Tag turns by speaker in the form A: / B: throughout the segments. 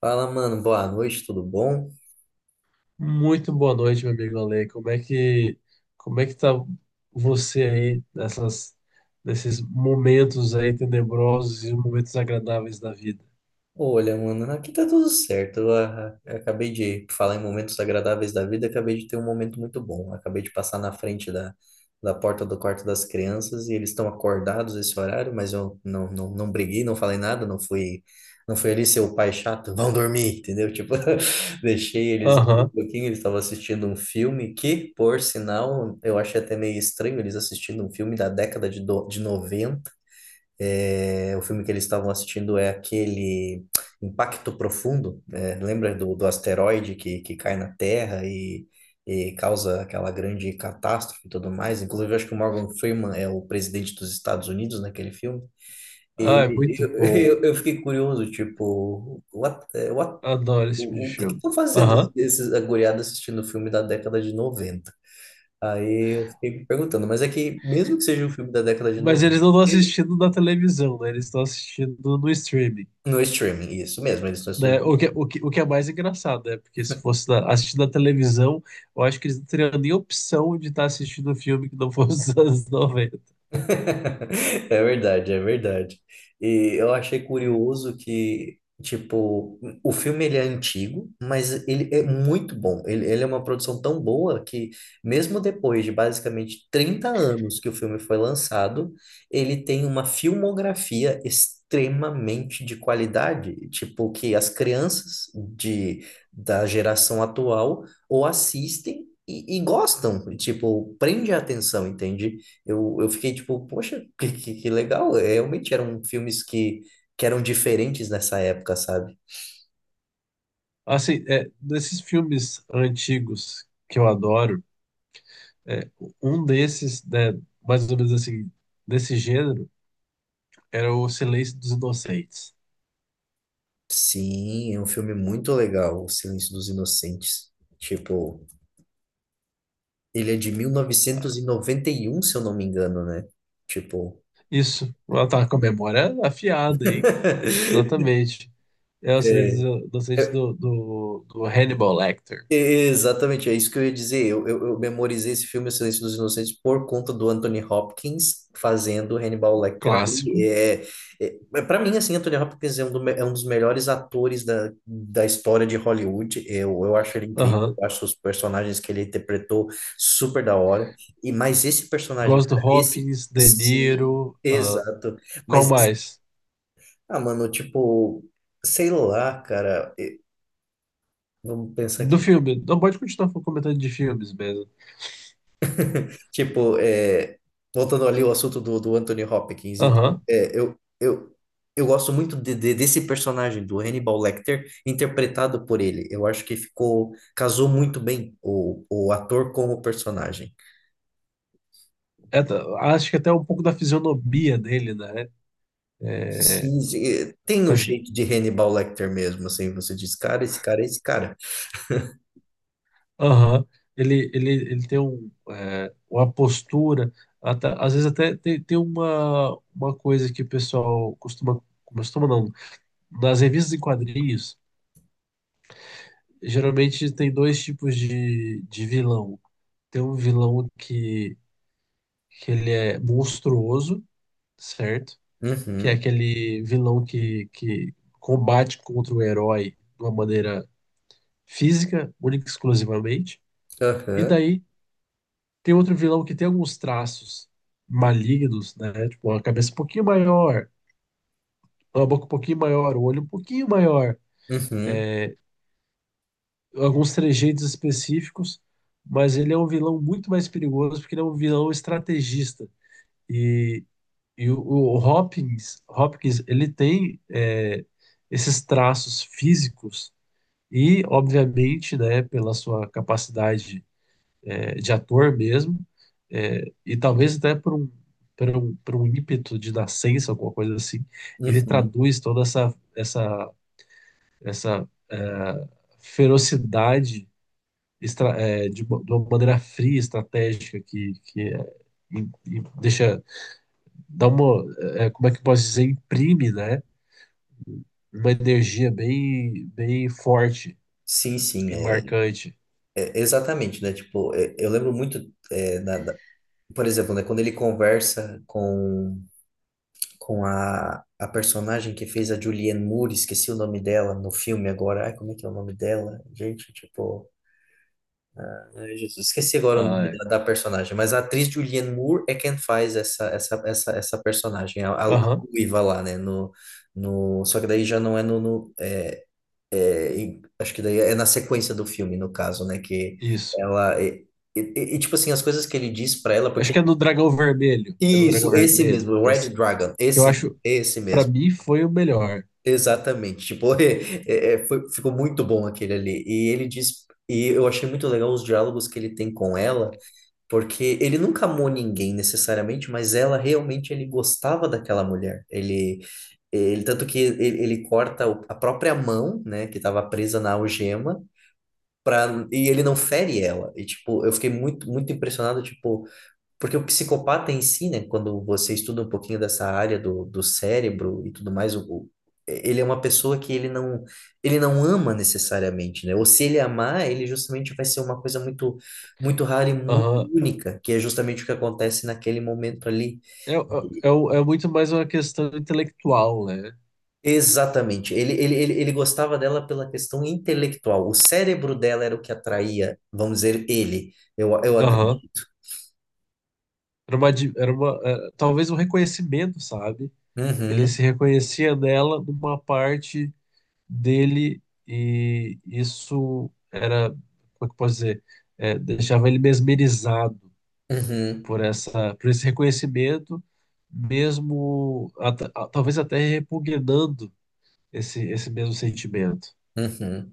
A: Fala, mano, boa noite, tudo bom?
B: Muito boa noite, meu amigo Ale. Como é que tá você aí nesses momentos aí tenebrosos e momentos agradáveis da vida?
A: Olha, mano, aqui tá tudo certo. Eu acabei de falar em momentos agradáveis da vida, acabei de ter um momento muito bom. Acabei de passar na frente da porta do quarto das crianças e eles estão acordados esse horário, mas eu não, não, não briguei, não falei nada, não fui ali ser o pai chato, vão dormir, entendeu? Tipo, deixei eles ali um
B: Aham.
A: pouquinho, eles estavam assistindo um filme que, por sinal, eu achei até meio estranho eles assistindo um filme da década de noventa. É, o filme que eles estavam assistindo é aquele Impacto Profundo, né? Lembra do asteroide que cai na Terra e causa aquela grande catástrofe e tudo mais? Inclusive, eu acho que o Morgan Freeman é o presidente dos Estados Unidos naquele filme.
B: Ah, é
A: E
B: muito
A: eu,
B: bom.
A: eu fiquei curioso, tipo,
B: Adoro esse tipo de
A: o que que
B: filme.
A: estão fazendo
B: Aham.
A: esses aguriados assistindo o filme da década de 90. Aí eu fiquei me perguntando, mas é que mesmo que seja um filme da década de
B: Mas
A: noventa
B: eles não estão assistindo na televisão, né? Eles estão assistindo no streaming,
A: No streaming, isso mesmo, eles estão.
B: né? O que é mais engraçado, né? Porque se fosse na, assistindo na televisão, eu acho que eles não teriam nem opção de estar assistindo um filme que não fosse dos anos 90.
A: É verdade, é verdade. E eu achei curioso que, tipo, o filme ele é antigo, mas ele é muito bom. Ele é uma produção tão boa que, mesmo depois de basicamente 30 anos que o filme foi lançado, ele tem uma filmografia extremamente de qualidade, tipo, que as crianças de, da geração atual ou assistem. E gostam, tipo, prende a atenção, entende? Eu fiquei tipo, poxa, que legal. É, realmente eram filmes que eram diferentes nessa época, sabe?
B: Assim, desses filmes antigos que eu adoro, é, um desses, né, mais ou menos assim, desse gênero, era O Silêncio dos Inocentes.
A: Sim, é um filme muito legal, O Silêncio dos Inocentes. Tipo, ele é de mil novecentos e noventa e um, se eu não me engano, né? Tipo,
B: Isso, ela tá com a memória afiada, hein? Exatamente. É O
A: é,
B: Silêncio dos Inocentes do Hannibal Lecter.
A: exatamente, é isso que eu ia dizer. Eu memorizei esse filme, O Silêncio dos Inocentes, por conta do Anthony Hopkins fazendo Hannibal Lecter
B: Clássico.
A: ali. Para mim, assim, Anthony Hopkins é um dos melhores atores da história de Hollywood. Eu acho ele incrível,
B: Aham.
A: eu acho os personagens que ele interpretou super da hora. Mas esse personagem,
B: Gosto do
A: cara, esse.
B: Hopkins, De
A: Sim,
B: Niro.
A: exato.
B: Qual
A: Mas,
B: mais?
A: mano, tipo, sei lá, cara. Vamos pensar
B: Do
A: aqui.
B: filme. Não pode continuar comentando de filmes mesmo.
A: Tipo, é, voltando ali ao assunto do Anthony Hopkins,
B: Aham.
A: é, eu, eu, eu gosto muito de desse personagem, do Hannibal Lecter, interpretado por ele. Eu acho que ficou, casou muito bem o ator com o personagem.
B: É, t- Acho que até um pouco da fisionomia dele, né? É,
A: Sim, sim, é, tem o
B: parece que.
A: jeito de Hannibal Lecter mesmo, assim, você diz, cara, esse cara é esse cara.
B: Aham. Ele tem um, é, uma postura, até- às vezes até tem, uma coisa que o pessoal costuma. Costuma não. Nas revistas em quadrinhos, geralmente tem dois tipos de vilão. Tem um vilão que ele é monstruoso, certo? Que é
A: Uhum,
B: aquele vilão que combate contra o herói de uma maneira física, única e exclusivamente. E
A: aham,
B: daí tem outro vilão que tem alguns traços malignos, né? Tipo, uma cabeça um pouquinho maior, uma boca um pouquinho maior, o olho um pouquinho maior,
A: uhum,
B: alguns trejeitos específicos, mas ele é um vilão muito mais perigoso porque ele é um vilão estrategista. E, e o Hopkins ele tem é, esses traços físicos e, obviamente, né, pela sua capacidade é, de ator mesmo, é, e talvez até por um ímpeto de nascença, alguma coisa assim, ele
A: uhum.
B: traduz toda essa é, ferocidade estra- é, de uma maneira fria, estratégica, que é, e- e deixa, dá uma, é, como é que eu posso dizer, imprime, né, uma energia bem, bem forte
A: Sim, sim,
B: e marcante.
A: exatamente, né? Tipo, eu lembro muito, é, da- da- por exemplo, né, quando ele conversa com a personagem que fez a Julianne Moore, esqueci o nome dela no filme agora. Ai, como é que é o nome dela? Gente, tipo, ai, Jesus, esqueci agora o
B: Ah,
A: nome
B: é.
A: da personagem, mas a atriz Julianne Moore é quem faz essa personagem, a
B: Aham,
A: ruiva lá, né, no só que daí já não é no, no é, em- acho que daí é na sequência do filme, no caso, né, que
B: isso.
A: ela e tipo assim, as coisas que ele diz pra ela,
B: Acho
A: porque
B: que é no Dragão Vermelho. É no Dragão
A: isso, esse
B: Vermelho.
A: mesmo,
B: Que
A: Red
B: essa-
A: Dragon,
B: que eu
A: esse, mesmo,
B: acho,
A: esse
B: pra
A: mesmo.
B: mim, foi o melhor.
A: Exatamente, tipo, ficou muito bom aquele ali. E ele diz, e eu achei muito legal os diálogos que ele tem com ela, porque ele nunca amou ninguém necessariamente, mas ela realmente ele gostava daquela mulher. Ele tanto que ele corta a própria mão, né, que estava presa na algema, e ele não fere ela. E tipo, eu fiquei muito, muito impressionado, tipo porque o psicopata em si, né, quando você estuda um pouquinho dessa área do cérebro e tudo mais, ele é uma pessoa que ele não ama necessariamente, né? Ou se ele amar, ele justamente vai ser uma coisa muito, muito rara e muito
B: Aham.
A: única, que é justamente o que acontece naquele momento ali.
B: É, é, é o- é muito mais uma questão intelectual, né?
A: Exatamente. Ele gostava dela pela questão intelectual. O cérebro dela era o que atraía, vamos dizer, ele. Eu
B: Aham.
A: acredito.
B: Era uma, di- era uma, é, talvez um reconhecimento, sabe? Ele
A: Uhum,
B: se reconhecia nela numa parte dele e isso era, como é que eu posso dizer? É, deixava ele mesmerizado
A: uhum,
B: por por esse reconhecimento, mesmo at- a- talvez até repugnando esse mesmo sentimento.
A: uhum.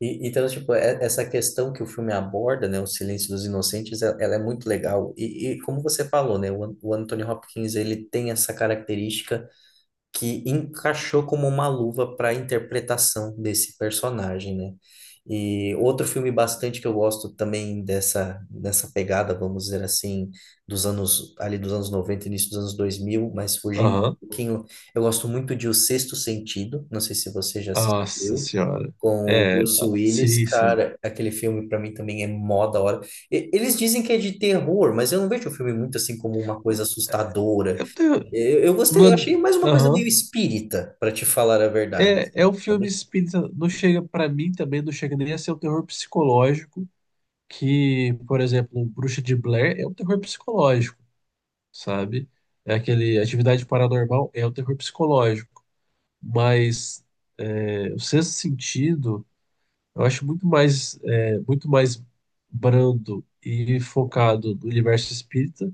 A: E, então, tipo, essa questão que o filme aborda, né, o Silêncio dos Inocentes, ela é muito legal. E como você falou, né, o Anthony Hopkins, ele tem essa característica que encaixou como uma luva para a interpretação desse personagem, né? E outro filme bastante que eu gosto também dessa pegada, vamos dizer assim, dos anos, ali dos anos 90, início dos anos 2000, mas fugindo um
B: Aham.
A: pouquinho, eu gosto muito de O Sexto Sentido, não sei se você já
B: Nossa
A: assistiu,
B: senhora.
A: com o Bruce
B: Ah,
A: Willis,
B: sim, sim.
A: cara, aquele filme para mim também é mó da hora. Eles dizem que é de terror, mas eu não vejo o filme muito assim como uma coisa assustadora,
B: Eu tenho.
A: eu gostei, eu
B: Não-
A: achei mais uma coisa meio
B: aham.
A: espírita, para te falar a verdade,
B: É, é
A: assim,
B: um filme
A: sabe?
B: espírita, não chega para mim também, não chega nem a ser um terror psicológico, que, por exemplo, um Bruxa de Blair é um terror psicológico, sabe? É aquele Atividade Paranormal é um terror psicológico, mas o Sexto Sentido eu acho muito mais, é, muito mais brando e focado no universo espírita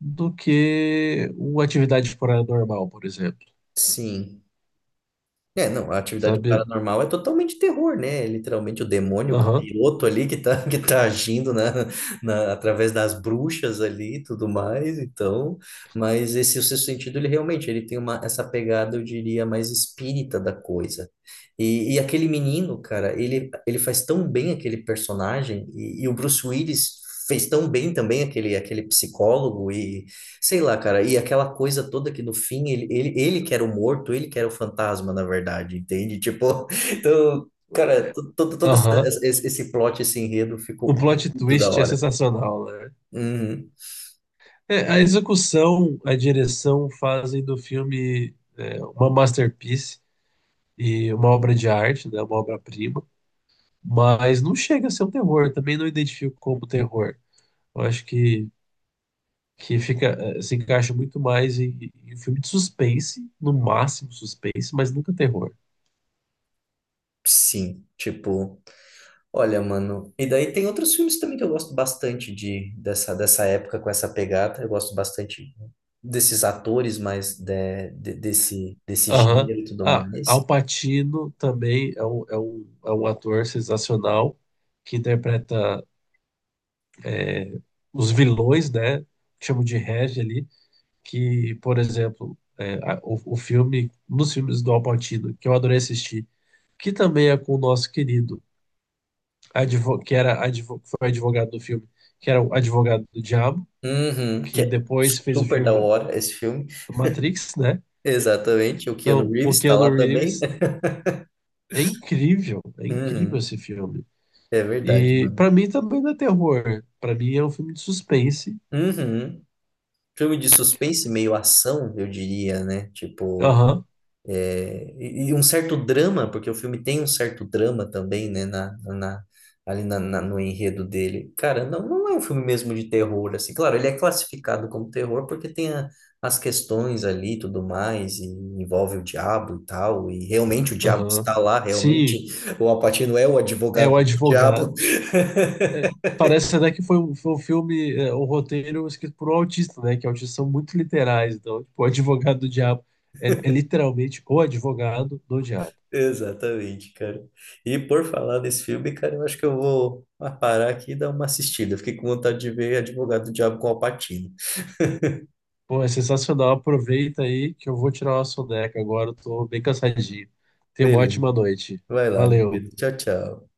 B: do que uma Atividade Paranormal, por exemplo,
A: Sim. É, não, a atividade
B: sabe?
A: paranormal é totalmente terror, né? É literalmente o demônio, o
B: Aham.
A: capiroto ali que tá, que tá agindo através das bruxas ali e tudo mais, então, mas esse o sexto sentido, ele realmente, ele tem essa pegada, eu diria, mais espírita da coisa. E aquele menino, cara, ele faz tão bem aquele personagem, e o Bruce Willis fez tão bem também aquele psicólogo. Sei lá, cara, e aquela coisa toda que no fim ele que era o morto, ele que era o fantasma, na verdade, entende? Tipo, então, cara, todo essa,
B: Aham,
A: esse plot, esse enredo
B: o
A: ficou
B: plot
A: muito da
B: twist é
A: hora.
B: sensacional, né?
A: Uhum.
B: É, a execução, a direção fazem do filme é, uma masterpiece e uma obra de arte, né, uma obra-prima, mas não chega a ser um terror, também não identifico como terror. Eu acho que fica, eh, se encaixa muito mais em, em um filme de suspense, no máximo suspense, mas nunca terror.
A: Sim, tipo, olha, mano. E daí tem outros filmes também que eu gosto bastante de dessa dessa época com essa pegada. Eu gosto bastante desses atores, mas desse
B: Aham.
A: gênero e tudo
B: Ah,
A: mais.
B: Al Pacino também é um ator sensacional que interpreta os vilões, né? Que chamam de Reg ali, que, por exemplo, o filme, nos filmes do Al Pacino, que eu adorei assistir, que também é com o nosso querido, que era advo, foi advogado do filme, que era o advogado do diabo,
A: Uhum, que
B: que
A: é
B: depois fez o
A: super da
B: filme
A: hora esse filme.
B: do Matrix, né?
A: Exatamente, o Keanu
B: Então, o
A: Reeves está
B: Keanu
A: lá também.
B: Reeves é incrível
A: Uhum,
B: esse filme.
A: é verdade,
B: E
A: mano.
B: pra mim também não é terror, pra mim é um filme de suspense.
A: Uhum. Filme de suspense, meio ação, eu diria, né? Tipo,
B: Aham,
A: e um certo drama, porque o filme tem um certo drama também, né? Ali no enredo dele. Cara, não, não é um filme mesmo de terror, assim. Claro, ele é classificado como terror porque tem as questões ali e tudo mais, e envolve o diabo e tal, e realmente o diabo
B: aham.
A: está lá,
B: Sim,
A: realmente o Al Pacino é o
B: é
A: advogado
B: o
A: do
B: advogado.
A: diabo.
B: É, parece até que foi um filme, é, um roteiro escrito por um autista, né? Que autistas são muito literais. Então, tipo, o advogado do diabo é, é literalmente o advogado do diabo.
A: Exatamente, cara. E por falar nesse filme, cara, eu acho que eu vou parar aqui e dar uma assistida. Fiquei com vontade de ver Advogado do Diabo com Al Pacino.
B: Pô, é sensacional. Aproveita aí que eu vou tirar uma soneca agora. Eu tô bem cansadinho. Tenha uma
A: Beleza,
B: ótima noite.
A: vai lá, meu
B: Valeu.
A: querido. Tchau, tchau.